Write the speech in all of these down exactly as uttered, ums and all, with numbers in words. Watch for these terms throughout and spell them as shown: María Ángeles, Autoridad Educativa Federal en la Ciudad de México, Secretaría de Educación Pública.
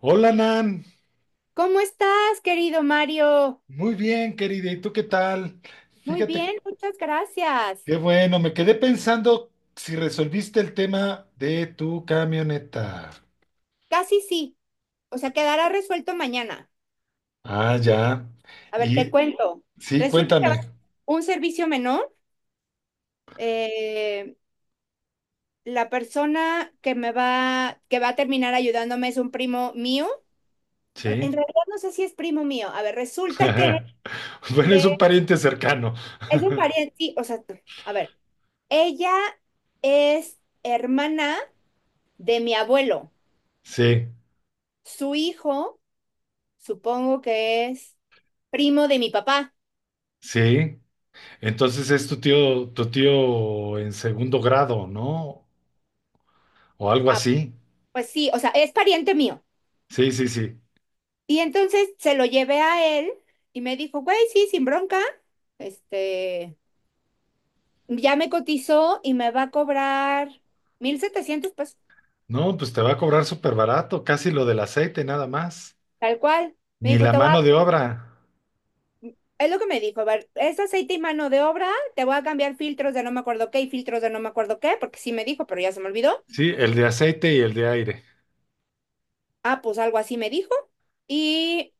Hola Nan, ¿Cómo estás, querido Mario? muy bien querida, ¿y tú qué tal? Muy Fíjate, bien, muchas gracias. qué bueno, me quedé pensando si resolviste el tema de tu camioneta. Casi sí. O sea, quedará resuelto mañana. Ah, ya. A ver, te Y cuento. sí, Resulta que va a cuéntame. ser un servicio menor. Eh, la persona que me va, que va a terminar ayudándome es un primo mío. En Sí. realidad no sé si es primo mío. A ver, resulta que Bueno, es un eh, pariente cercano. es un pariente. Sí, o sea, a ver, ella es hermana de mi abuelo. Sí, Su hijo supongo que es primo de mi papá. sí. Entonces es tu tío, tu tío en segundo grado, ¿no? O algo Ah, así. pues sí, o sea, es pariente mío. Sí, sí, sí. Y entonces se lo llevé a él y me dijo, güey, sí, sin bronca. Este, ya me cotizó y me va a cobrar mil setecientos pesos, No, pues te va a cobrar súper barato, casi lo del aceite, nada más. tal cual. Me Ni dijo, la te voy mano de a, obra. es lo que me dijo, a ver, es aceite y mano de obra, te voy a cambiar filtros de no me acuerdo qué y filtros de no me acuerdo qué, porque sí me dijo, pero ya se me olvidó. Sí, el de aceite y el de aire. Ah, pues algo así me dijo. Y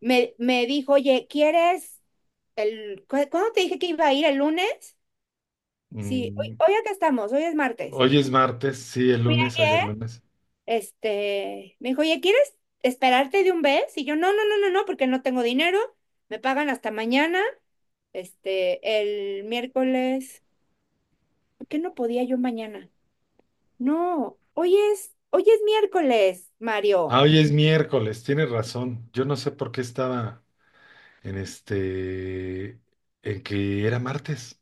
me, me dijo, oye, ¿quieres? El, ¿cu- ¿cuándo te dije que iba a ir? ¿El lunes? Sí, hoy, Mm, hoy acá estamos, hoy es martes. hoy es martes, sí, el Fui lunes, ayer ayer, lunes. este, me dijo, oye, ¿quieres esperarte de un mes? Y yo, no, no, no, no, no, porque no tengo dinero, me pagan hasta mañana, este, el miércoles, ¿por qué no podía yo mañana? No, hoy es, hoy es miércoles, Ah, Mario. hoy es miércoles, tienes razón. Yo no sé por qué estaba en este, en que era martes.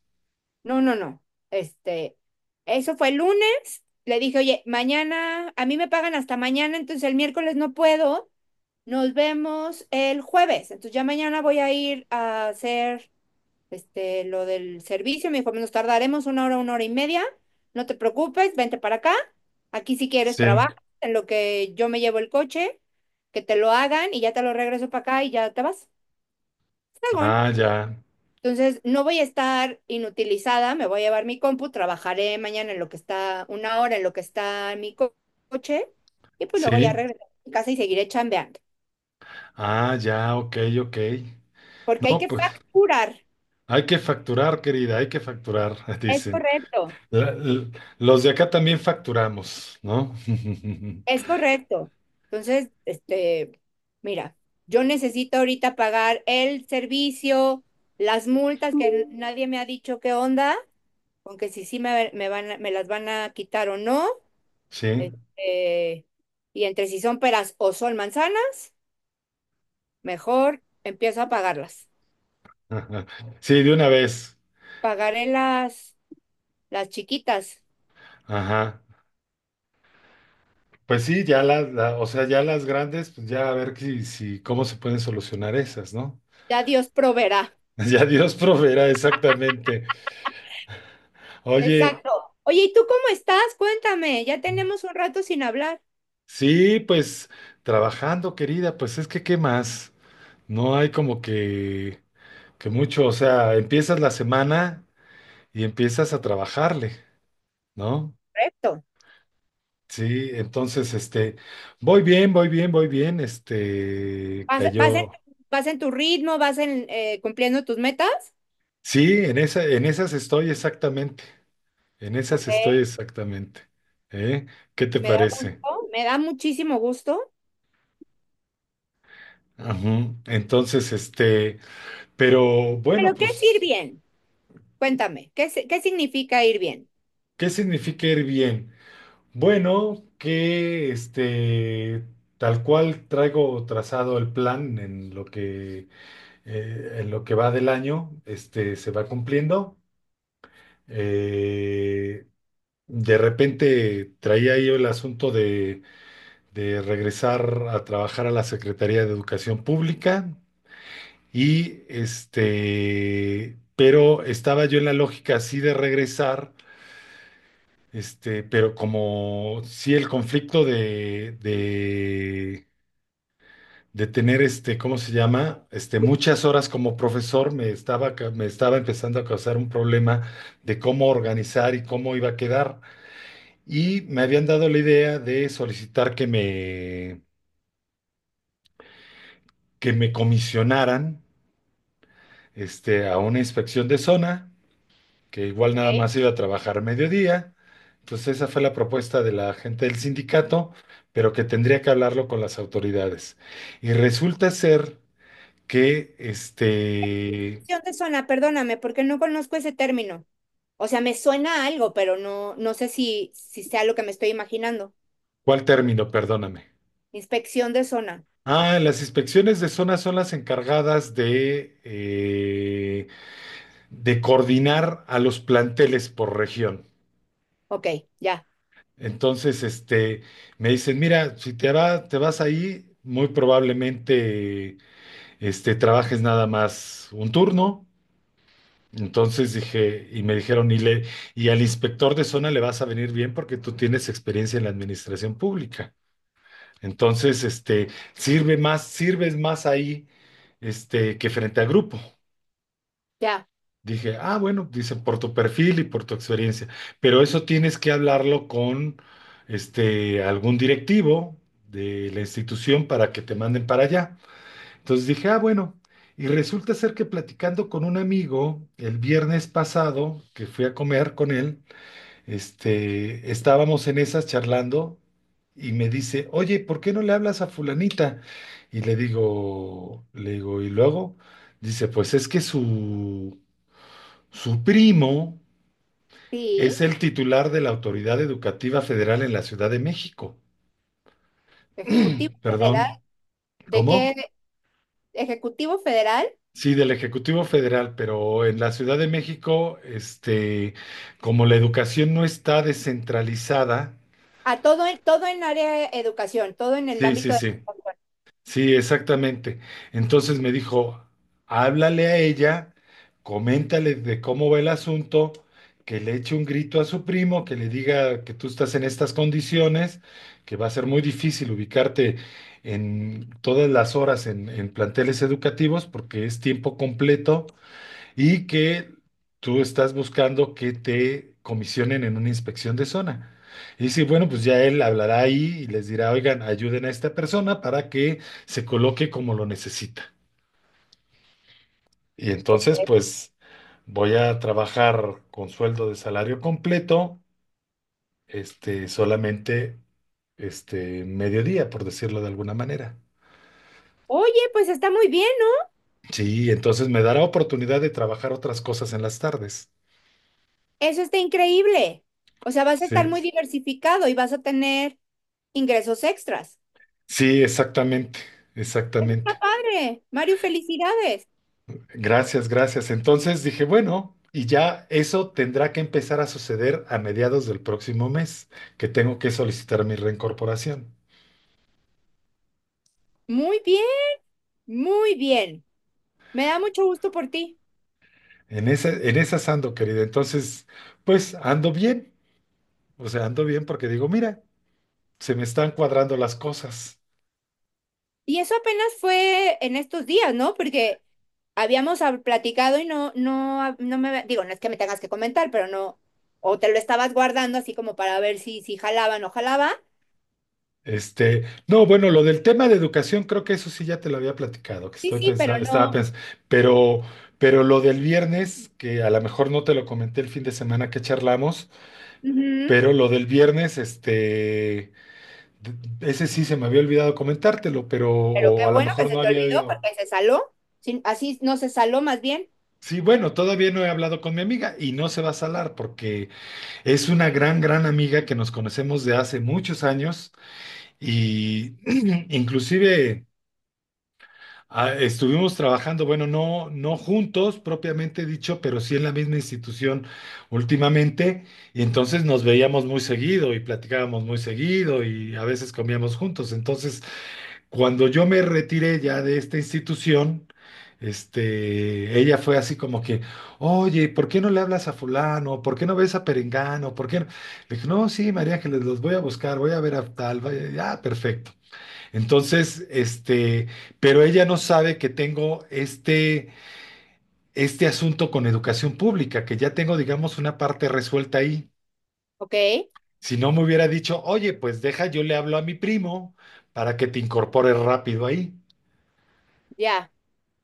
No, no, no, este, eso fue el lunes, le dije, oye, mañana, a mí me pagan hasta mañana, entonces el miércoles no puedo. Nos vemos el jueves. Entonces ya mañana voy a ir a hacer, este, lo del servicio. Me dijo, nos tardaremos una hora, una hora y media. No te preocupes, vente para acá. Aquí si quieres Sí. trabajas en lo que yo me llevo el coche, que te lo hagan y ya te lo regreso para acá y ya te vas. Fregón. Ah, ya. Entonces no voy a estar inutilizada, me voy a llevar mi compu, trabajaré mañana en lo que está, una hora en lo que está mi co- coche y pues luego ya Sí. regresaré a mi casa y seguiré chambeando. Ah, ya, ok, ok. Porque hay No, que pues facturar. hay que facturar, querida, hay que facturar, Es dicen. correcto, La- l- los de acá también facturamos, ¿no? es correcto. Entonces, este, mira, yo necesito ahorita pagar el servicio, las multas que nadie me ha dicho qué onda, aunque si sí me, me van, a- me las van a quitar o no. Sí. Este, y entre si son peras o son manzanas, mejor empiezo a pagarlas. Sí, de una vez. Pagaré las, las chiquitas. Ajá. Pues sí, ya las, la- o sea, ya las grandes, pues ya a ver si, si, cómo se pueden solucionar esas, ¿no? Ya Dios proveerá. Ya Dios proveerá exactamente. Oye, Exacto. Oye, ¿y tú cómo estás? Cuéntame, ya tenemos un rato sin hablar. sí, pues trabajando, querida, pues es que, ¿qué más? No hay como que, que mucho, o sea, empiezas la semana y empiezas a trabajarle, ¿no? Correcto. Sí, entonces, este, voy bien, voy bien, voy bien, este, Vas, vas en, cayó. Vas en tu ritmo, vas en, eh, cumpliendo tus metas. Sí, en esa, en esas estoy exactamente. En Ok, esas estoy exactamente. ¿Eh? ¿Qué te me da parece? gusto, me da muchísimo gusto. Ujú. Entonces, este, pero bueno, Pero, ¿qué es ir pues, bien? Cuéntame, ¿qué, si- qué significa ir bien? ¿qué significa ir bien? Bueno, que este, tal cual traigo trazado el plan en lo que, eh, en lo que va del año, este, se va cumpliendo. Eh, de repente traía yo el asunto de de regresar a trabajar a la Secretaría de Educación Pública. Y este, pero estaba yo en la lógica así de regresar, este, pero como sí el conflicto de, de, de tener este, ¿cómo se llama? Este, muchas horas como profesor me estaba, ca- me estaba empezando a causar un problema de cómo organizar y cómo iba a quedar. Y me habían dado la idea de solicitar que me, que me comisionaran, este, a una inspección de zona. Que igual Ok. nada más iba a trabajar mediodía. Entonces esa fue la propuesta de la gente del sindicato, pero que tendría que hablarlo con las autoridades. Y resulta ser que, este, Construcción de zona, perdóname, porque no conozco ese término. O sea, me suena a algo, pero no, no sé si, si sea lo que me estoy imaginando. ¿cuál término? Perdóname. Inspección de zona. Ah, las inspecciones de zona son las encargadas de, eh, de coordinar a los planteles por región. Ok, ya, Entonces, este, me dicen, mira, si te va- te vas ahí, muy probablemente este, trabajes nada más un turno. Entonces dije, y me dijeron, y, le, y al inspector de zona le vas a venir bien porque tú tienes experiencia en la administración pública. Entonces, este, sirve más, sirves más ahí, este, que frente a grupo. ya. Dije, ah, bueno, dice, por tu perfil y por tu experiencia, pero eso tienes que hablarlo con, este, algún directivo de la institución para que te manden para allá. Entonces dije, ah, bueno, y resulta ser que platicando con un amigo el viernes pasado, que fui a comer con él, este, estábamos en esas charlando y me dice, oye, ¿por qué no le hablas a fulanita? Y le digo, le digo, y luego dice, pues es que su, su primo Sí, es el titular de la Autoridad Educativa Federal en la Ciudad de México. ejecutivo federal. Perdón, De que ¿cómo? Ejecutivo Federal Sí, del Ejecutivo Federal, pero en la Ciudad de México, este, como la educación no está descentralizada, a todo, en- todo en área de educación, todo en el sí, sí, ámbito de sí, educación. sí, exactamente. Entonces me dijo, háblale a ella, coméntale de cómo va el asunto, que le eche un grito a su primo, que le diga que tú estás en estas condiciones, que va a ser muy difícil ubicarte en todas las horas en en planteles educativos porque es tiempo completo y que tú estás buscando que te comisionen en una inspección de zona. Y sí, bueno, pues ya él hablará ahí y les dirá, oigan, ayuden a esta persona para que se coloque como lo necesita. Y entonces, Ok. pues voy a trabajar con sueldo de salario completo, este, solamente, este, mediodía, por decirlo de alguna manera. Oye, pues está muy bien, ¿no? Sí, entonces me dará oportunidad de trabajar otras cosas en las tardes. Eso está increíble. O sea, vas a Sí, estar muy diversificado y vas a tener ingresos extras. sí, exactamente, Eso está exactamente. padre. Mario, felicidades. Gracias, gracias. Entonces dije, bueno, y ya eso tendrá que empezar a suceder a mediados del próximo mes, que tengo que solicitar mi reincorporación. Muy bien, muy bien. Me da mucho gusto por ti. En ese, en esas ando, querida. Entonces, pues ando bien. O sea, ando bien porque digo, mira, se me están cuadrando las cosas. Y eso apenas fue en estos días, ¿no? Porque habíamos hab- platicado y no, no, hab- no me, había- digo, no es que me tengas que comentar, pero no, o te lo estabas guardando así como para ver si, si jalaba o no jalaba. Este, no, bueno, lo del tema de educación, creo que eso sí ya te lo había platicado, que Sí, estoy sí, pero pensando, estaba no. pensando, pero, pero lo del viernes, que a lo mejor no te lo comenté el fin de semana que charlamos. Ujú. Pero lo del viernes, este, d- ese sí se me había olvidado comentártelo, pero Pero qué o a lo bueno que mejor se no te había olvidó ido. porque se saló. Sin- así no se saló más bien. Sí, bueno, todavía no he hablado con mi amiga y no se va a salar porque es una gran, gran amiga que nos conocemos de hace muchos años y inclusive ah, estuvimos trabajando, bueno, no, no juntos propiamente dicho, pero sí en la misma institución últimamente y entonces nos veíamos muy seguido y platicábamos muy seguido y a veces comíamos juntos. Entonces, cuando yo me retiré ya de esta institución, este, ella fue así como que, oye, ¿por qué no le hablas a fulano? ¿Por qué no ves a Perengano? ¿Por qué no? Le dije, no, sí, María Ángeles, los voy a buscar, voy a ver a tal, vaya, ya, perfecto. Entonces, este, pero ella no sabe que tengo este, este asunto con educación pública, que ya tengo, digamos, una parte resuelta ahí. Ok, Si no me hubiera dicho, oye, pues deja, yo le hablo a mi primo para que te incorpores rápido ahí. ya.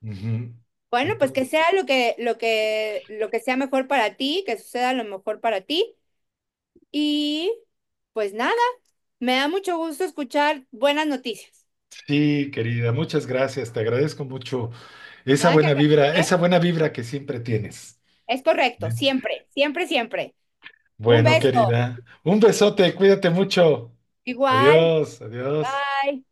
Ujú. Bueno, pues Entonces, que sea lo que, lo que, lo que sea mejor para ti, que suceda lo mejor para ti. Y pues nada, me da mucho gusto escuchar buenas noticias. sí, querida, muchas gracias. Te agradezco mucho esa Nada que buena vibra, agradecer. esa buena vibra que siempre tienes. Es ¿Eh? correcto, siempre, siempre, siempre. Un Bueno, beso. querida, un besote, cuídate mucho. Igual. Adiós, adiós. Bye.